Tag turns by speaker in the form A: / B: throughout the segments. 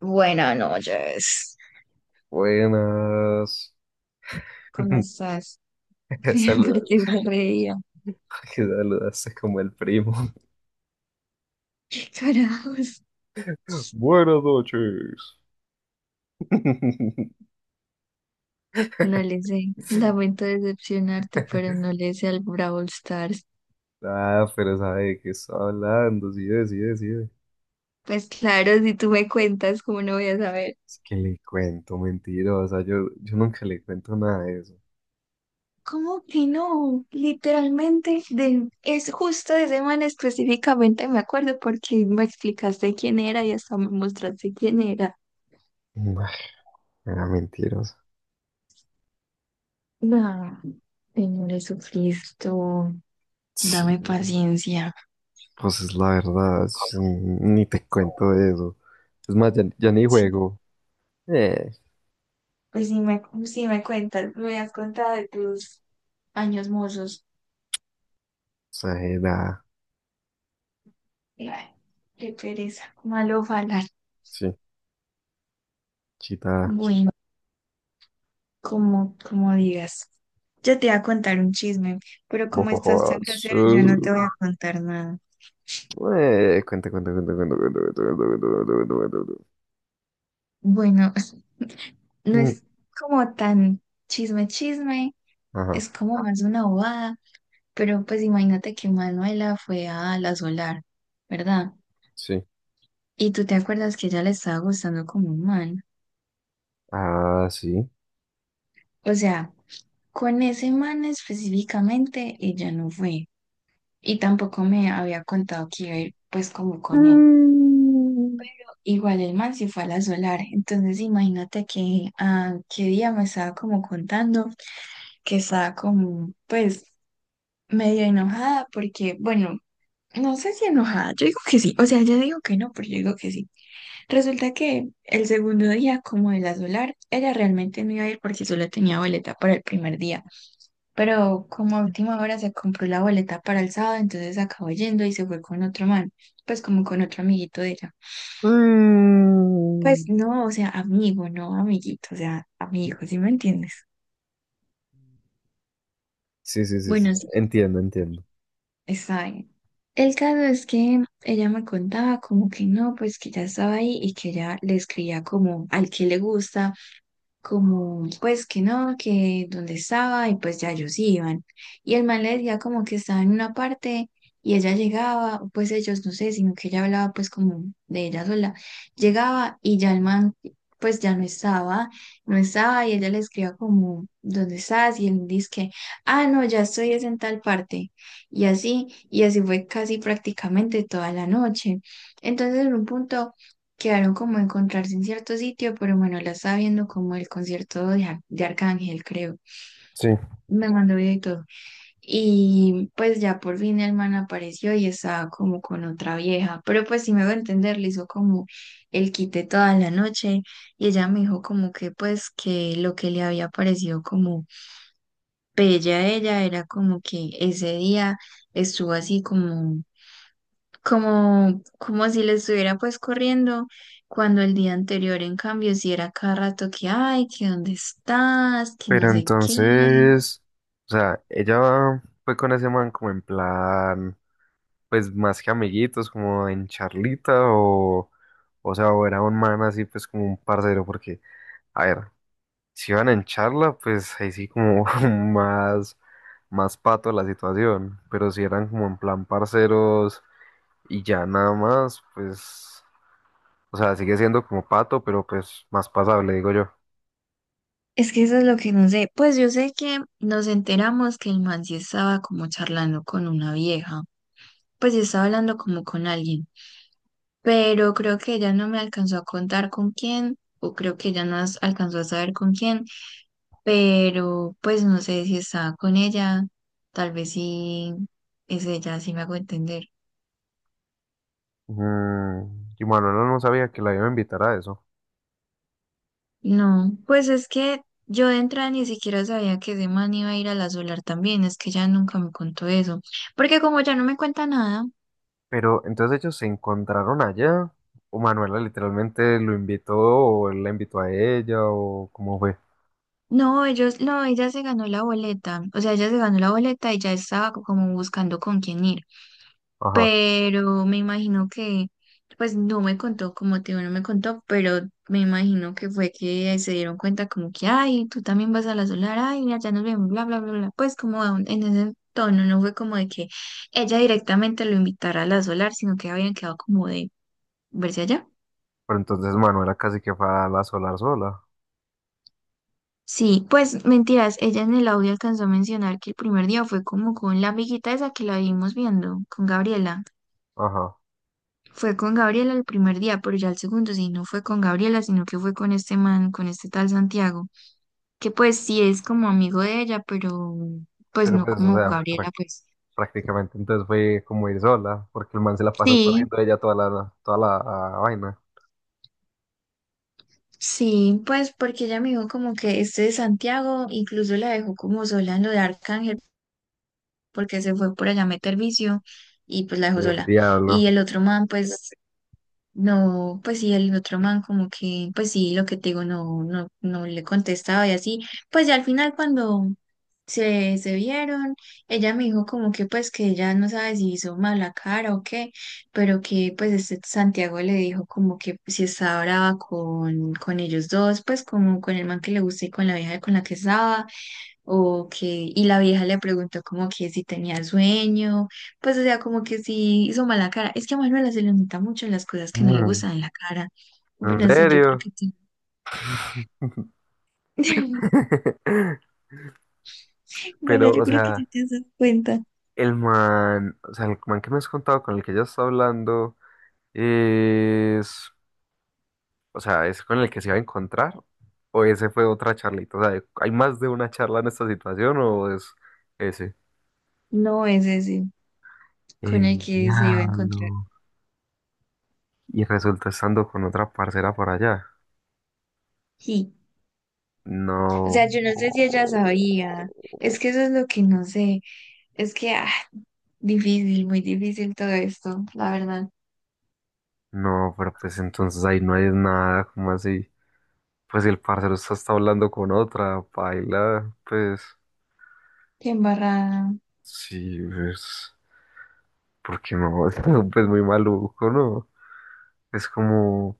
A: Buenas noches.
B: Buenas.
A: ¿Cómo estás? Ría
B: Saluda,
A: porque me reía.
B: que saludaste como el primo.
A: ¿Qué carajos?
B: Buenas noches.
A: No le sé. Lamento decepcionarte, pero no le sé al Brawl Stars.
B: Ah, pero sabe de qué está hablando, sí, sí, sí.
A: Pues claro, si tú me cuentas, ¿cómo no voy a saber?
B: Es que le cuento, mentirosa. Yo nunca le cuento nada de eso.
A: ¿Cómo que no? Literalmente, es justo de semana específicamente me acuerdo porque me explicaste quién era y hasta me mostraste quién era.
B: Ay, era mentirosa.
A: No, Señor Jesucristo,
B: Sí,
A: dame paciencia.
B: pues es la verdad. Sí, ni te cuento de eso. Es más, ya ni juego. Eh,
A: Pues sí me cuentas, me has contado de tus años mozos.
B: exagerada.
A: Ay, qué pereza, malo falar.
B: Sí, chita.
A: Bueno, como digas. Yo te iba a contar un chisme, pero como
B: Ojo,
A: estás tan
B: jodas.
A: grosero, yo no te voy a contar nada.
B: Cuenta, cuenta, cuenta, cuenta, cuenta, cuenta, cuenta, cuenta, cuenta, cuenta, cuenta.
A: Bueno, no
B: Mm.
A: es como tan chisme, chisme,
B: Ajá,
A: es como más una bobada, pero pues imagínate que Manuela fue a la Solar, ¿verdad?
B: sí.
A: Y tú te acuerdas que ella le estaba gustando como un man.
B: Ah, sí.
A: O sea, con ese man específicamente ella no fue y tampoco me había contado que iba a ir pues como con él.
B: Mm,
A: Igual el man sí fue a la solar, entonces imagínate que ah, qué día me estaba como contando que estaba como pues medio enojada porque bueno, no sé si enojada, yo digo que sí, o sea, yo digo que no, pero yo digo que sí. Resulta que el segundo día como de la solar, ella realmente no iba a ir porque solo tenía boleta para el primer día, pero como a última hora se compró la boleta para el sábado, entonces acabó yendo y se fue con otro man, pues como con otro amiguito de ella. Pues
B: mm.
A: no, o sea, amigo, no amiguito, o sea, amigo, ¿sí me entiendes?
B: Sí, sí, sí, sí.
A: Bueno, sí,
B: Entiendo, entiendo.
A: está bien. El caso es que ella me contaba como que no, pues que ya estaba ahí y que ella le escribía como al que le gusta como pues que no, que donde estaba y pues ya ellos iban. Y el man le decía como que estaba en una parte y ella llegaba, o pues ellos no sé, sino que ella hablaba pues como de ella sola. Llegaba y ya el man pues ya no estaba, no estaba y ella le escribía como, ¿dónde estás? Y él dice que, ah, no, ya estoy es en tal parte. Y así fue casi prácticamente toda la noche. Entonces en un punto, quedaron como de encontrarse en cierto sitio, pero Manuela estaba viendo como el concierto de, de Arcángel, creo.
B: Sí.
A: Me mandó video y todo. Y pues ya por fin el man apareció y estaba como con otra vieja. Pero pues si me va a entender, le hizo como el quite toda la noche. Y ella me dijo como que pues que lo que le había parecido como bella a ella era como que ese día estuvo así como como si le estuviera pues corriendo, cuando el día anterior, en cambio, si era cada rato que, ay, que dónde estás, que no
B: Pero
A: sé qué.
B: entonces, o sea, ella fue con ese man como en plan, pues más que amiguitos, como en charlita o sea, o era un man así, pues como un parcero, porque, a ver. Si van en charla, pues ahí sí como más, más pato la situación, pero si eran como en plan parceros y ya nada más, pues, o sea, sigue siendo como pato, pero pues más pasable, digo yo.
A: Es que eso es lo que no sé. Pues yo sé que nos enteramos que el man sí estaba como charlando con una vieja, pues sí estaba hablando como con alguien, pero creo que ella no me alcanzó a contar con quién. O creo que ella no alcanzó a saber con quién, pero pues no sé si estaba con ella, tal vez sí es ella, si me hago entender.
B: Mm, ¿y Manuela no sabía que la iba a invitar a eso,
A: No, pues es que yo de entrada ni siquiera sabía que ese man iba a ir a la Solar también, es que ella nunca me contó eso, porque como ya no me cuenta nada.
B: pero entonces ellos se encontraron allá, o Manuela literalmente lo invitó, o él la invitó a ella, o cómo fue?
A: No, ellos, no, ella se ganó la boleta, o sea, ella se ganó la boleta y ya estaba como buscando con quién ir.
B: Ajá,
A: Pero me imagino que, pues no me contó, como te digo, no me contó, pero me imagino que fue que se dieron cuenta como que, ay, tú también vas a la solar, ay, mira, ya nos vemos, bla, bla, bla, bla, pues como a en ese tono, no fue como de que ella directamente lo invitara a la solar, sino que habían quedado como de verse allá.
B: ¿pero entonces Manuela casi que fue a la solar sola?
A: Sí, pues mentiras, ella en el audio alcanzó a mencionar que el primer día fue como con la amiguita esa que la vimos viendo, con Gabriela.
B: Ajá.
A: Fue con Gabriela el primer día, pero ya el segundo sí, no fue con Gabriela, sino que fue con este man, con este tal Santiago, que pues sí es como amigo de ella, pero pues
B: Pero
A: no
B: pues, o
A: como
B: sea,
A: Gabriela, pues.
B: prácticamente. Entonces fue como ir sola, porque el man se la pasó
A: Sí,
B: corriendo de ella toda la ah, vaina.
A: sí, pues porque ella me dijo como que este de Santiago incluso la dejó como sola en lo de Arcángel, porque se fue por allá a meter vicio y pues la dejó
B: El
A: sola.
B: diablo.
A: Y el otro man, pues no, pues sí, el otro man como que, pues sí, lo que te digo, no le contestaba y así. Pues ya al final cuando se vieron, ella me dijo como que pues que ella no sabe si hizo mala cara o qué, pero que pues este Santiago le dijo como que si estaba brava con ellos dos, pues como con el man que le gusta y con la vieja con la que estaba. Ok, y la vieja le preguntó como que si tenía sueño, pues o sea, como que si hizo mala cara. Es que a Manuela se le nota mucho las cosas que no le
B: Mm.
A: gustan en la cara.
B: ¿En
A: Bueno, sí, yo creo
B: serio?
A: que sí. Bueno,
B: Pero,
A: yo
B: o
A: creo que
B: sea,
A: sí te das cuenta.
B: el man, o sea, el man que me has contado con el que ella está hablando es, o sea, es con el que se iba a encontrar o ese fue otra charlita. O sea, ¿hay más de una charla en esta situación o es ese?
A: No, es ese sí, con el
B: El
A: que se iba a encontrar.
B: diablo. Y resultó estando con otra parcera por allá.
A: Sí, o
B: No,
A: sea, yo no sé si ella sabía. Es
B: no,
A: que eso es lo que no sé. Es que, ah, difícil, muy difícil todo esto, la verdad.
B: no, pero pues entonces ahí no hay nada, como así? Pues si el parcero está hablando con otra, paila, pues
A: Qué embarrada.
B: sí, pues, porque no, es pues muy maluco, ¿no? Es como,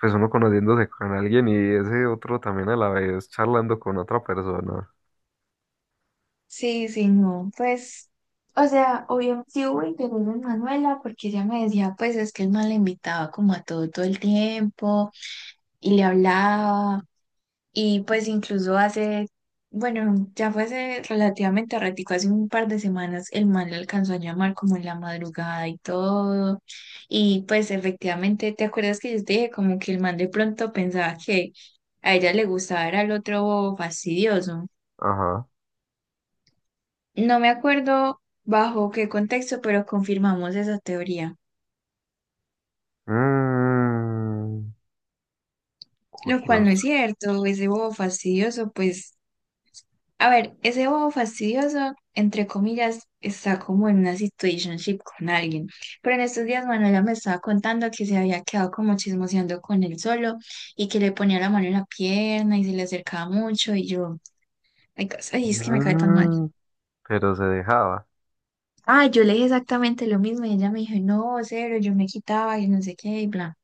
B: pues uno conociéndose con alguien y ese otro también a la vez charlando con otra persona.
A: Sí, sí, no, pues, o sea, obviamente sí hubo interés en Manuela porque ella me decía, pues es que el man la invitaba como a todo todo el tiempo y le hablaba y pues incluso hace, bueno, ya fue hace relativamente ratico, hace un par de semanas el man le alcanzó a llamar como en la madrugada y todo y pues efectivamente, ¿te acuerdas que yo te dije como que el man de pronto pensaba que a ella le gustaba era el otro fastidioso?
B: Ajá.
A: No me acuerdo bajo qué contexto, pero confirmamos esa teoría,
B: Mm,
A: lo cual no es
B: curioso.
A: cierto. Ese bobo fastidioso, pues, a ver, ese bobo fastidioso, entre comillas, está como en una situationship con alguien. Pero en estos días Manuela me estaba contando que se había quedado como chismoseando con él solo y que le ponía la mano en la pierna y se le acercaba mucho y yo, ay, ay, es que me cae tan mal.
B: Mm, pero se dejaba.
A: Ah, yo le dije exactamente lo mismo y ella me dijo, no, cero, yo me quitaba y no sé qué y bla.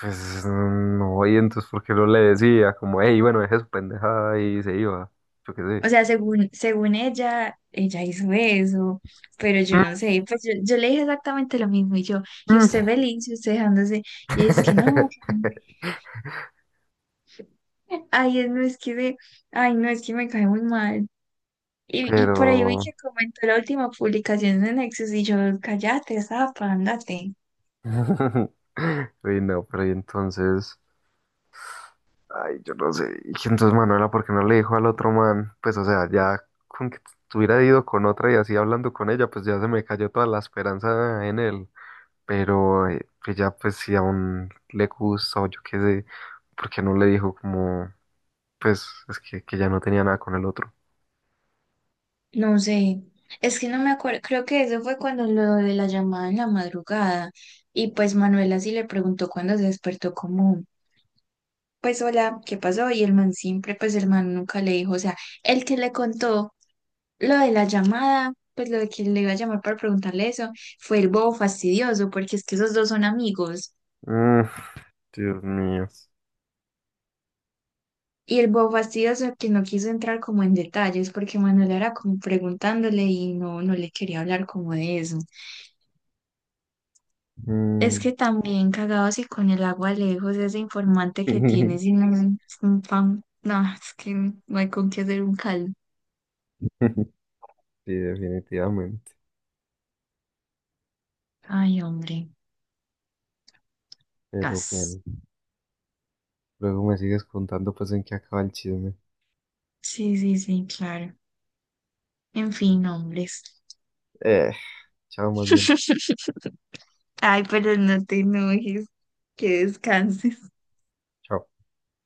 B: Pues no, y entonces, ¿por qué no le decía? Como, hey, bueno, deje su pendejada y se iba. Yo qué
A: O
B: sé.
A: sea, según ella, ella hizo eso, pero yo no sé, pues yo le dije exactamente lo mismo y yo, y
B: Mm.
A: usted feliz, y usted dejándose, y es que no, ay, no es que me, ay, no es que me cae muy mal. Y por ahí vi
B: Pero.
A: que comentó la última publicación de Nexus y yo, cállate, zapa, ándate.
B: Uy, no, pero y entonces. Ay, yo no sé. Y entonces Manuela, ¿por qué no le dijo al otro man? Pues, o sea, ya con que hubiera ido con otra y así hablando con ella, pues ya se me cayó toda la esperanza en él. Pero que ya, pues, si aún le gusta o yo qué sé, ¿por qué no le dijo como? Pues es que ya no tenía nada con el otro.
A: No sé, es que no me acuerdo, creo que eso fue cuando lo de la llamada en la madrugada, y pues Manuela sí le preguntó cuando se despertó como pues hola, ¿qué pasó? Y el man siempre, pues el man nunca le dijo, o sea, el que le contó lo de la llamada, pues lo de que le iba a llamar para preguntarle eso, fue el bobo fastidioso, porque es que esos dos son amigos.
B: Mm, Dios mío.
A: Y el bobo fastidioso que no quiso entrar como en detalles, porque Manuel era como preguntándole y no le quería hablar como de eso. Es
B: Mm.
A: que también cagado así con el agua lejos, ese informante que tiene, sin un pan, no, es que no hay con qué hacer un caldo.
B: Sí, definitivamente.
A: Ay, hombre,
B: Pero
A: gas.
B: bueno, luego me sigues contando pues en qué acaba el chisme.
A: Sí, sí, sí, claro. En fin, hombres.
B: Eh, chao más bien.
A: Ay, pero no te enojes, que descanses.
B: Chao.